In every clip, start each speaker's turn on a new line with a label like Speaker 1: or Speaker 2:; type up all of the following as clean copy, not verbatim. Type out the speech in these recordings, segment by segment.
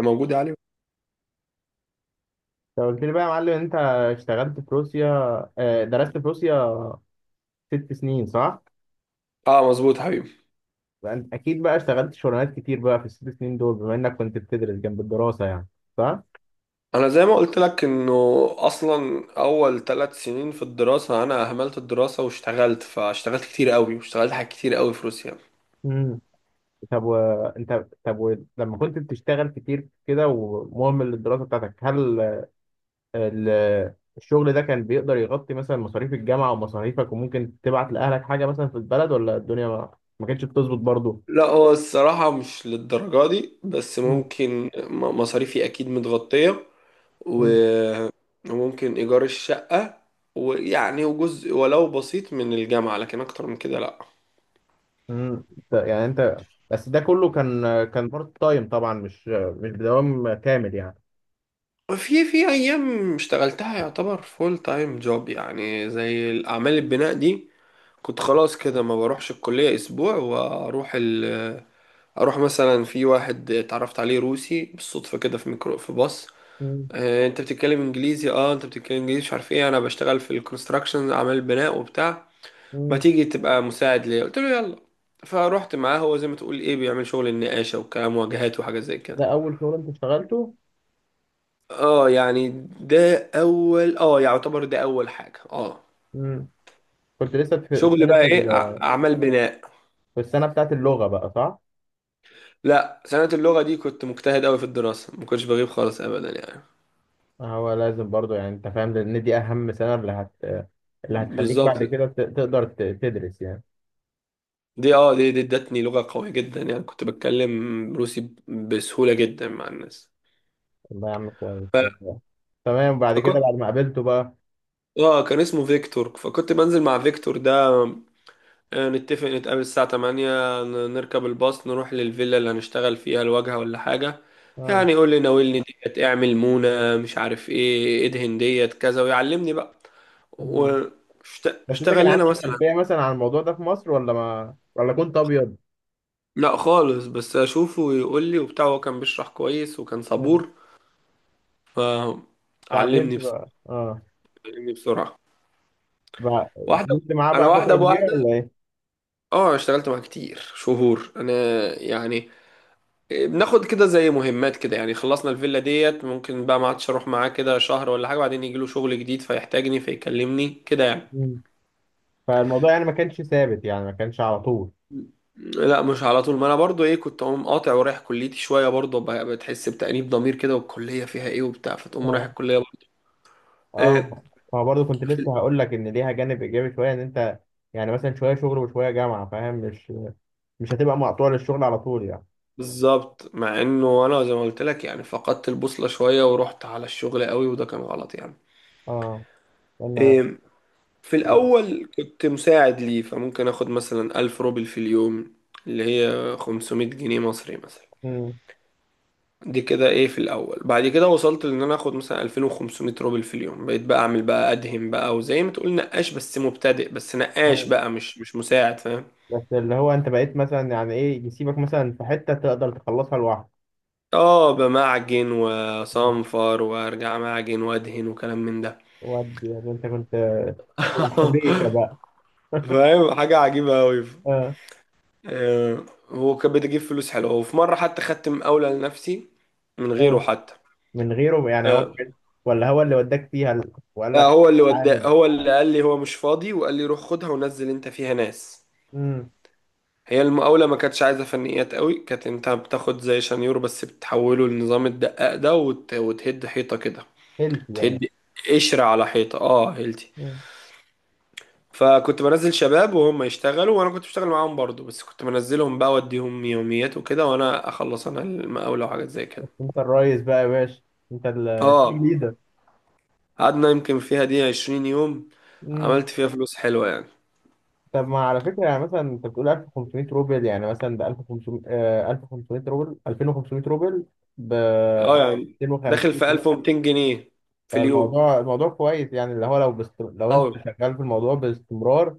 Speaker 1: موجود يا علي.
Speaker 2: لو قلت لي بقى يا معلم انت اشتغلت في روسيا، درست في روسيا 6 سنين، صح؟
Speaker 1: اه، مظبوط حبيبي.
Speaker 2: فانت اكيد بقى اشتغلت شغلانات كتير بقى في ال6 سنين دول بما انك كنت بتدرس جنب الدراسة يعني، صح؟
Speaker 1: انا زي ما قلت لك انه اصلا اول 3 سنين في الدراسه انا اهملت الدراسه واشتغلت، فاشتغلت كتير قوي، واشتغلت حاجات كتير قوي في روسيا.
Speaker 2: امم. طب وانت طب و... لما كنت بتشتغل كتير كده ومهمل للدراسة بتاعتك، ال... الشغل ده كان بيقدر يغطي مثلا مصاريف الجامعة ومصاريفك وممكن تبعت لأهلك حاجة مثلا في البلد، ولا الدنيا ما كانتش بتظبط برضه؟
Speaker 1: لا، هو الصراحه مش للدرجه دي، بس ممكن مصاريفي اكيد متغطيه. و- وممكن ايجار الشقه، ويعني وجزء ولو بسيط من الجامعه، لكن اكتر من كده لا.
Speaker 2: مم. يعني انت بس ده كله كان بارت تايم طبعا، مش بدوام كامل يعني.
Speaker 1: في ايام اشتغلتها يعتبر فول تايم جوب، يعني زي الاعمال البناء دي كنت خلاص كده ما بروحش الكلية أسبوع، وأروح ال أروح مثلا في واحد اتعرفت عليه روسي بالصدفة كده، في ميكرو، في باص.
Speaker 2: مم.
Speaker 1: آه، أنت بتتكلم إنجليزي، مش عارف إيه، أنا بشتغل في الكونستراكشن، أعمال بناء وبتاع، ما
Speaker 2: مم.
Speaker 1: تيجي تبقى مساعد ليا؟ قلت له يلا. فروحت معاه، هو زي ما تقول إيه، بيعمل شغل النقاشة والكلام، واجهات وحاجات زي كده.
Speaker 2: ده اول شغل انت اشتغلته؟
Speaker 1: أه، يعني ده أول، يعتبر ده أول حاجة.
Speaker 2: مم. كنت لسه في
Speaker 1: شغل بقى إيه؟ أعمال بناء.
Speaker 2: في السنه بتاعت اللغه بقى، صح؟
Speaker 1: لا، سنة اللغة دي كنت مجتهد أوي في الدراسة، ما كنتش بغيب خالص أبدا يعني.
Speaker 2: هو لازم برضو يعني انت فاهم، لان دي اهم سنه اللي هتخليك
Speaker 1: بالظبط.
Speaker 2: بعد كده تقدر تدرس يعني.
Speaker 1: دي اه دي دي ادتني لغة قوية جدا، يعني كنت بتكلم روسي بسهولة جدا مع الناس.
Speaker 2: والله يا عم كويس والله. تمام، بعد كده
Speaker 1: فكنت
Speaker 2: بعد ما قابلته بقى.
Speaker 1: اه كان اسمه فيكتور، فكنت بنزل مع فيكتور ده. نتفق نتقابل الساعة 8، نركب الباص، نروح للفيلا اللي هنشتغل فيها الواجهة ولا حاجة.
Speaker 2: اه.
Speaker 1: يعني يقول لي ناولني ديت، اعمل مونة، مش عارف ايه، ادهن ديت كذا، ويعلمني بقى.
Speaker 2: مم. بس انت كان
Speaker 1: واشتغل
Speaker 2: عندك
Speaker 1: لنا مثلا.
Speaker 2: خلفيه مثلا عن الموضوع ده في مصر، ولا ما، ولا كنت ابيض؟
Speaker 1: لا خالص، بس اشوفه ويقول لي وبتاع، هو كان بيشرح كويس وكان
Speaker 2: آه.
Speaker 1: صبور. فعلمني
Speaker 2: اتعلمت
Speaker 1: بسرعة
Speaker 2: بقى، اه.
Speaker 1: علمني بسرعة
Speaker 2: بقى-
Speaker 1: واحدة.
Speaker 2: فضلت معاه
Speaker 1: انا،
Speaker 2: بقى
Speaker 1: واحدة
Speaker 2: فترة
Speaker 1: بواحدة.
Speaker 2: كبيرة ولا ايه؟
Speaker 1: اه، اشتغلت معاه كتير شهور انا، يعني بناخد كده زي مهمات كده، يعني خلصنا الفيلا ديت ممكن بقى ما عادش اروح معاه كده شهر ولا حاجة، بعدين يجي له شغل جديد فيحتاجني فيكلمني كده يعني.
Speaker 2: مم. فالموضوع يعني ما كانش ثابت، يعني ما كانش على طول.
Speaker 1: لا، مش على طول. ما انا برضو كنت اقوم قاطع ورايح كليتي شوية برضو، بتحس بتأنيب ضمير كده، والكلية فيها ايه وبتاع، فتقوم رايح
Speaker 2: اه،
Speaker 1: الكلية برضو. آه،
Speaker 2: اه. ما برضه كنت لسه هقول لك ان ليها جانب ايجابي شويه، ان انت يعني مثلا شويه شغل وشويه جامعه، فاهم؟ مش هتبقى مقطوع للشغل على طول يعني.
Speaker 1: بالظبط. مع انه انا زي ما قلت لك، يعني فقدت البوصلة شوية ورحت على الشغل قوي، وده كان غلط يعني.
Speaker 2: اه. انا.
Speaker 1: إيه، في الاول كنت مساعد ليه، فممكن اخد مثلا 1000 روبل في اليوم، اللي هي 500 جنيه مصري مثلا.
Speaker 2: مم.
Speaker 1: دي كده في الاول. بعد كده وصلت لان انا اخد مثلا 2500 روبل في اليوم، بقيت بقى اعمل بقى ادهم بقى، وزي ما تقول نقاش بس مبتدئ، بس
Speaker 2: آه.
Speaker 1: نقاش بقى مش مساعد، فاهم؟
Speaker 2: بس اللي هو انت بقيت مثلا يعني ايه، يسيبك مثلا في حته تقدر تخلصها لوحدك.
Speaker 1: اه، بمعجن
Speaker 2: آه.
Speaker 1: وصنفر وارجع معجن وادهن، وكلام من ده.
Speaker 2: ودي يعني انت كنت بتلعب حبيشه بقى.
Speaker 1: فاهم؟ حاجة عجيبة أوي.
Speaker 2: اه،
Speaker 1: هو كان بيجيب فلوس حلوة، وفي مرة حتى خدت مقاولة لنفسي من غيره
Speaker 2: اه.
Speaker 1: حتى.
Speaker 2: من غيره يعني،
Speaker 1: آه،
Speaker 2: ولا هو اللي وداك فيها وقال
Speaker 1: آه،
Speaker 2: لك؟
Speaker 1: هو اللي ودا،
Speaker 2: اتعامل.
Speaker 1: هو اللي قال لي هو مش فاضي، وقال لي روح خدها ونزل انت فيها ناس.
Speaker 2: امم.
Speaker 1: هي المقاولة ما كانتش عايزة فنيات قوي، كانت انت بتاخد زي شنيور بس بتحوله لنظام الدقاق ده، وتهد حيطة كده.
Speaker 2: هيلب يعني.
Speaker 1: تهد قشرة على حيطة، هيلتي.
Speaker 2: مم.
Speaker 1: فكنت بنزل شباب وهم يشتغلوا، وانا كنت بشتغل معاهم برضو، بس كنت بنزلهم بقى اوديهم يوميات وكده، وانا اخلص انا المقاولة وحاجات زي كده.
Speaker 2: بس انت الريس بقى يا باشا، انت التيم
Speaker 1: اه،
Speaker 2: ليدر.
Speaker 1: قعدنا يمكن فيها دي 20 يوم،
Speaker 2: امم.
Speaker 1: عملت فيها فلوس حلوة يعني.
Speaker 2: طب ما على فكره، يعني مثلا انت بتقول 1500 روبل يعني مثلا ب 1500، 1500 روبل، 2500 روبل، ب
Speaker 1: اه يعني، داخل
Speaker 2: 250
Speaker 1: في
Speaker 2: جنيه.
Speaker 1: 1200 جنيه في اليوم.
Speaker 2: فالموضوع الموضوع كويس، يعني اللي هو لو انت
Speaker 1: اه
Speaker 2: شغال في الموضوع باستمرار،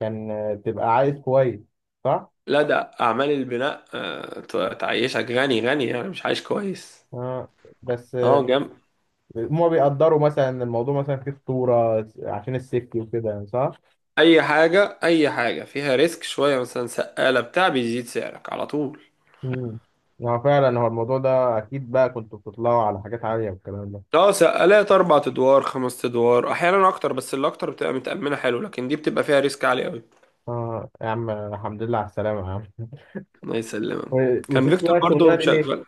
Speaker 2: كان تبقى عايز كويس، صح؟
Speaker 1: لا، ده اعمال البناء تعيشك غني غني يعني، مش عايش كويس.
Speaker 2: آه. بس
Speaker 1: اه، جنب.
Speaker 2: هما بيقدروا مثلا إن الموضوع مثلا فيه خطورة عشان السيفتي وكده يعني، صح؟
Speaker 1: اي حاجة اي حاجة فيها ريسك شوية، مثلا سقالة بتاع بيزيد سعرك على طول.
Speaker 2: امم. هو فعلا هو الموضوع ده أكيد بقى كنتوا بتطلعوا على حاجات عالية والكلام ده.
Speaker 1: اه، سقالات 4 ادوار 5 ادوار احيانا اكتر، بس اللي اكتر بتبقى متأمنة حلو، لكن دي بتبقى فيها ريسك عالي قوي.
Speaker 2: آه يا عم، الحمد لله على السلامة يا عم.
Speaker 1: الله يسلمك. كان
Speaker 2: وسبت
Speaker 1: فيكتور
Speaker 2: بقى الشغلانة
Speaker 1: برضو
Speaker 2: دي ليه؟
Speaker 1: مشغل،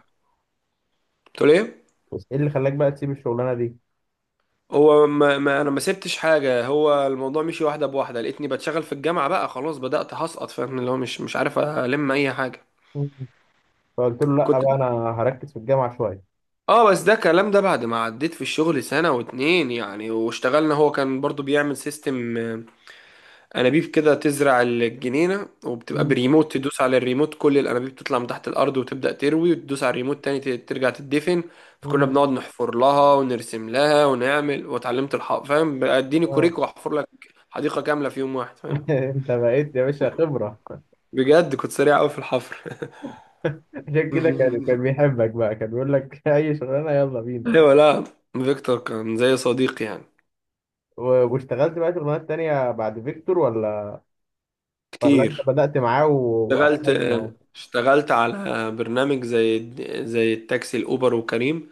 Speaker 1: قلت ليه.
Speaker 2: إيه اللي خلاك بقى تسيب الشغلانة دي؟
Speaker 1: هو ما انا ما سبتش حاجه، هو الموضوع مشي واحده بواحده، لقيتني بتشغل في الجامعه بقى، خلاص بدات هسقط، فاهم؟ اللي هو مش عارف الم اي حاجه،
Speaker 2: مم. فقلت له لأ
Speaker 1: كنت.
Speaker 2: بقى أنا هركز في الجامعة شوية.
Speaker 1: اه، بس ده الكلام ده بعد ما عديت في الشغل سنه واتنين يعني، واشتغلنا. هو كان برضو بيعمل سيستم انابيب كده، تزرع الجنينه وبتبقى
Speaker 2: مم.
Speaker 1: بريموت، تدوس على الريموت كل الانابيب تطلع من تحت الارض وتبدا تروي، وتدوس على الريموت تاني ترجع تدفن. فكنا
Speaker 2: مم.
Speaker 1: بنقعد نحفر لها ونرسم لها ونعمل، واتعلمت الحفر، فاهم بقى، اديني
Speaker 2: آه.
Speaker 1: كوريك واحفر لك حديقه كامله في يوم واحد، فاهم؟
Speaker 2: أنت بقيت يا باشا خبرة.
Speaker 1: بجد كنت سريع قوي في الحفر.
Speaker 2: عشان كده كان بيحبك بقى، كان بيقول لك أي شغلانة يلا بينا.
Speaker 1: ايوه لا، فيكتور كان زي صديقي يعني.
Speaker 2: واشتغلت بقى شغلانات تانية بعد فيكتور، ولا انت
Speaker 1: كتير.
Speaker 2: بدأت معاه
Speaker 1: اشتغلت
Speaker 2: وقفلت معاه؟
Speaker 1: اشتغلت على برنامج زي التاكسي الاوبر وكريم،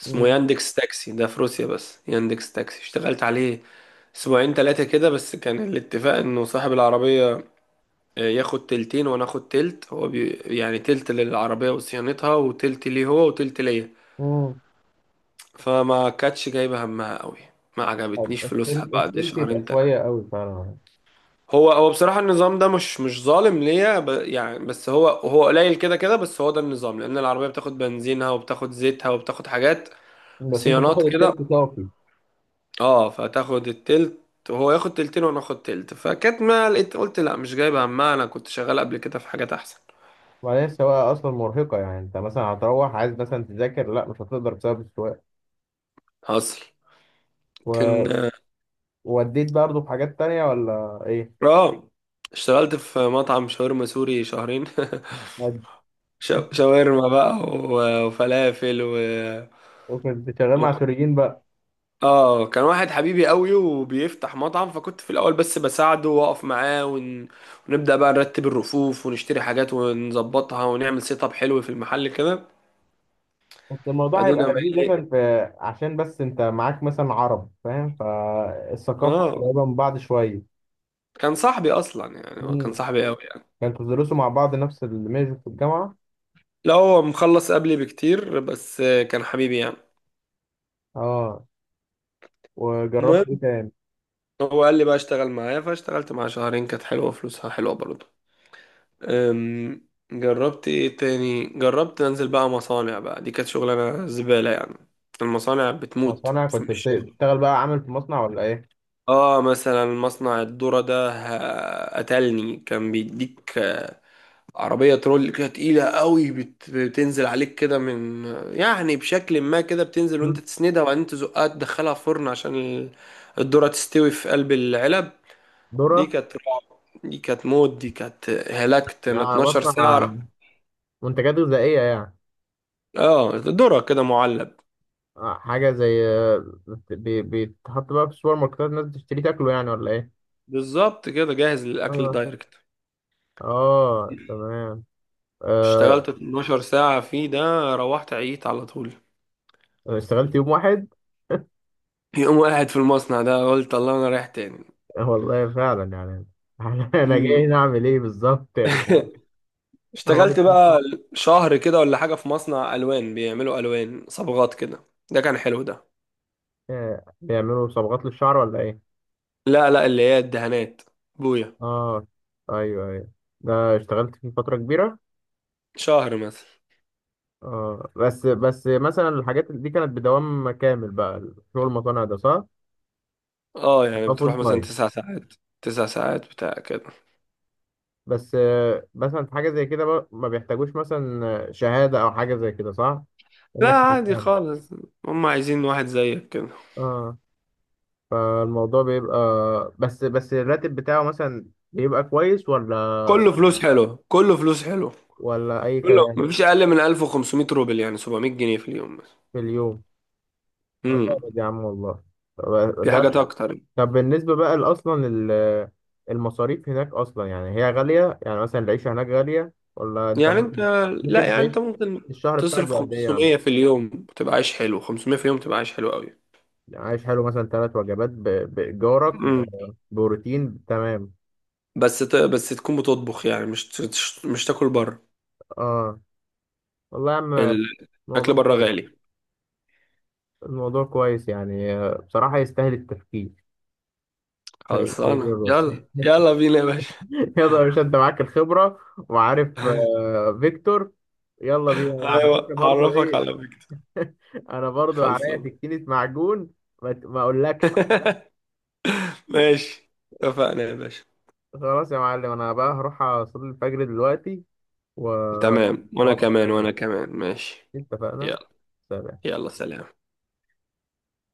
Speaker 1: اسمه
Speaker 2: مم.
Speaker 1: ياندكس تاكسي ده في روسيا، بس ياندكس تاكسي اشتغلت عليه اسبوعين تلاتة كده بس. كان الاتفاق انه صاحب العربية ياخد تلتين وانا اخد تلت، هو بي يعني، تلت للعربية وصيانتها وتلت ليه هو وتلت ليا.
Speaker 2: مم.
Speaker 1: فما كانتش جايبة همها قوي، ما
Speaker 2: طب
Speaker 1: عجبتنيش فلوسها بعد
Speaker 2: التلت يبقى
Speaker 1: شهرين تلاتة.
Speaker 2: شوية قوي فعلا.
Speaker 1: هو بصراحة النظام ده مش ظالم ليا، يعني، بس هو قليل كده كده، بس هو ده النظام، لأن العربية بتاخد بنزينها وبتاخد زيتها وبتاخد حاجات
Speaker 2: بس انت
Speaker 1: صيانات
Speaker 2: بتاخد
Speaker 1: كده.
Speaker 2: التلت صافي.
Speaker 1: اه، فتاخد التلت وهو ياخد تلتين وانا اخد تلت. فكانت، ما لقيت، قلت لا، مش جايب همها. انا كنت شغال قبل كده في حاجات احسن.
Speaker 2: وبعدين السواقة أصلا مرهقة، يعني انت مثلا هتروح عايز مثلا تذاكر، لا مش هتقدر بسبب السواقة.
Speaker 1: حصل. كان
Speaker 2: و- ووديت برضه في حاجات تانية ولا ايه؟
Speaker 1: اه، اشتغلت في مطعم شاورما سوري شهرين.
Speaker 2: ود-
Speaker 1: شاورما بقى وفلافل، و...
Speaker 2: وكنت شغال
Speaker 1: و...
Speaker 2: مع سوريين بقى؟
Speaker 1: اه كان واحد حبيبي قوي وبيفتح مطعم، فكنت في الاول بس بساعده واقف معاه، ونبدأ بقى نرتب الرفوف ونشتري حاجات ونظبطها، ونعمل سيت اب حلو في المحل كده.
Speaker 2: بس الموضوع
Speaker 1: بعدين
Speaker 2: هيبقى
Speaker 1: لما
Speaker 2: لذيذ
Speaker 1: يلاقي-
Speaker 2: مثلا، في عشان بس انت معاك مثلا عرب فاهم، فالثقافة
Speaker 1: اه،
Speaker 2: قريبة من بعض شوية.
Speaker 1: كان صاحبي اصلا يعني، هو كان
Speaker 2: مم.
Speaker 1: صاحبي قوي يعني.
Speaker 2: كانتوا تدرسوا مع بعض نفس الميجر في الجامعة؟
Speaker 1: لا، هو مخلص قبلي بكتير، بس كان حبيبي يعني.
Speaker 2: اه. وجربت ايه
Speaker 1: المهم،
Speaker 2: تاني؟
Speaker 1: هو قال لي بقى اشتغل معايا، فاشتغلت معاه شهرين كانت حلوه، فلوسها حلوه برضه. جربت ايه تاني؟ جربت انزل بقى مصانع بقى، دي كانت شغلانه زباله يعني. المصانع بتموت
Speaker 2: مصانع،
Speaker 1: في،
Speaker 2: كنت
Speaker 1: مش شغل.
Speaker 2: بتشتغل بقى عامل في مصنع ولا ايه؟
Speaker 1: اه، مثلا مصنع الذرة ده قتلني. كان بيديك عربية ترول كده تقيلة قوي، بتنزل عليك كده من، يعني بشكل ما كده، بتنزل
Speaker 2: مم.
Speaker 1: وانت تسندها، وبعدين تزقها تدخلها فرن عشان الذرة تستوي في قلب العلب. دي
Speaker 2: ذرة.
Speaker 1: كانت رعب، دي كانت موت، دي كانت هلكت انا
Speaker 2: آه،
Speaker 1: 12
Speaker 2: بصنع
Speaker 1: ساعة.
Speaker 2: منتجات غذائية يعني.
Speaker 1: اه، ذرة كده معلب.
Speaker 2: آه، حاجة زي، بيتحط بقى في السوبر ماركتات، الناس بتشتري تاكله يعني ولا ايه؟
Speaker 1: بالظبط كده، جاهز للأكل
Speaker 2: اه.
Speaker 1: دايركت.
Speaker 2: اه، تمام. آه.
Speaker 1: اشتغلت 12 ساعة فيه ده، روحت عييت على طول.
Speaker 2: اشتغلت يوم واحد.
Speaker 1: يقوم قاعد في المصنع ده، قلت الله انا رايح تاني.
Speaker 2: آه، والله فعلا يعني. انا جاي
Speaker 1: مم.
Speaker 2: هنا اعمل ايه بالظبط يا جدعان؟ هو.
Speaker 1: اشتغلت بقى شهر كده ولا حاجة في مصنع ألوان، بيعملوا ألوان، صبغات كده، ده كان حلو ده.
Speaker 2: آه، بيعملوا صبغات للشعر ولا ايه؟
Speaker 1: لا لا، اللي هي الدهانات، بويا.
Speaker 2: اه، ايوه ايوه. ده اشتغلت فيه فترة كبيرة؟
Speaker 1: شهر مثلا.
Speaker 2: اه، بس مثلا الحاجات دي كانت بدوام كامل بقى؟ شغل المصانع ده، صح؟
Speaker 1: اه يعني،
Speaker 2: اه،
Speaker 1: بتروح
Speaker 2: فول
Speaker 1: مثلا
Speaker 2: تايم.
Speaker 1: 9 ساعات، 9 ساعات بتاع كده.
Speaker 2: بس مثلا في حاجة زي كده بقى ما بيحتاجوش مثلا شهادة أو حاجة زي كده، صح؟
Speaker 1: لا،
Speaker 2: إنك.
Speaker 1: عادي خالص، هم عايزين واحد زيك كده.
Speaker 2: اه. فالموضوع بيبقى، بس الراتب بتاعه مثلا بيبقى كويس، ولا
Speaker 1: كله فلوس حلو، كله فلوس حلو،
Speaker 2: ولا أي
Speaker 1: كله
Speaker 2: كلام.
Speaker 1: مفيش أقل من 1500 روبل يعني 700 جنيه في اليوم مثلا.
Speaker 2: في اليوم؟ آه،
Speaker 1: امم.
Speaker 2: جامد يا عم والله. طب
Speaker 1: في حاجات
Speaker 2: ده
Speaker 1: أكتر.
Speaker 2: بالنسبة بقى، أصلا المصاريف هناك أصلا يعني هي غالية، يعني مثلا العيشة هناك غالية ولا أنت
Speaker 1: يعني أنت
Speaker 2: ممكن
Speaker 1: لا،
Speaker 2: ممكن
Speaker 1: يعني
Speaker 2: تعيش؟
Speaker 1: أنت ممكن
Speaker 2: الشهر بتاعك
Speaker 1: تصرف
Speaker 2: بقد إيه يعني؟
Speaker 1: 500 في اليوم تبقى عايش حلو، 500 في اليوم تبقى عايش حلو قوي.
Speaker 2: يعني عايش حلو مثلا ثلاث وجبات، بإيجارك،
Speaker 1: مم.
Speaker 2: بروتين، تمام.
Speaker 1: بس بس تكون بتطبخ يعني، مش تاكل بره.
Speaker 2: آه. والله يا عم،
Speaker 1: الاكل
Speaker 2: الموضوع
Speaker 1: بره
Speaker 2: كويس،
Speaker 1: غالي.
Speaker 2: الموضوع كويس يعني، بصراحة يستاهل التفكير. هي
Speaker 1: خلصانه.
Speaker 2: كده بس.
Speaker 1: يلا يلا بينا يا باشا.
Speaker 2: يلا يا باشا أنت معاك الخبرة وعارف، فيكتور. يلا بينا على
Speaker 1: ايوه،
Speaker 2: فكرة برضو،
Speaker 1: هعرفك على
Speaker 2: إيه.
Speaker 1: فكره.
Speaker 2: انا برضو عليا
Speaker 1: خلصانه.
Speaker 2: سكينة معجون. ما اقولكش.
Speaker 1: ماشي. اتفقنا يا باشا.
Speaker 2: خلاص يا معلم، انا بقى هروح اصلي الفجر دلوقتي. و
Speaker 1: تمام، وانا
Speaker 2: وابقى
Speaker 1: كمان، وانا
Speaker 2: أكلمك.
Speaker 1: كمان ماشي.
Speaker 2: اتفقنا.
Speaker 1: يلا.
Speaker 2: سلام.
Speaker 1: يلا سلام.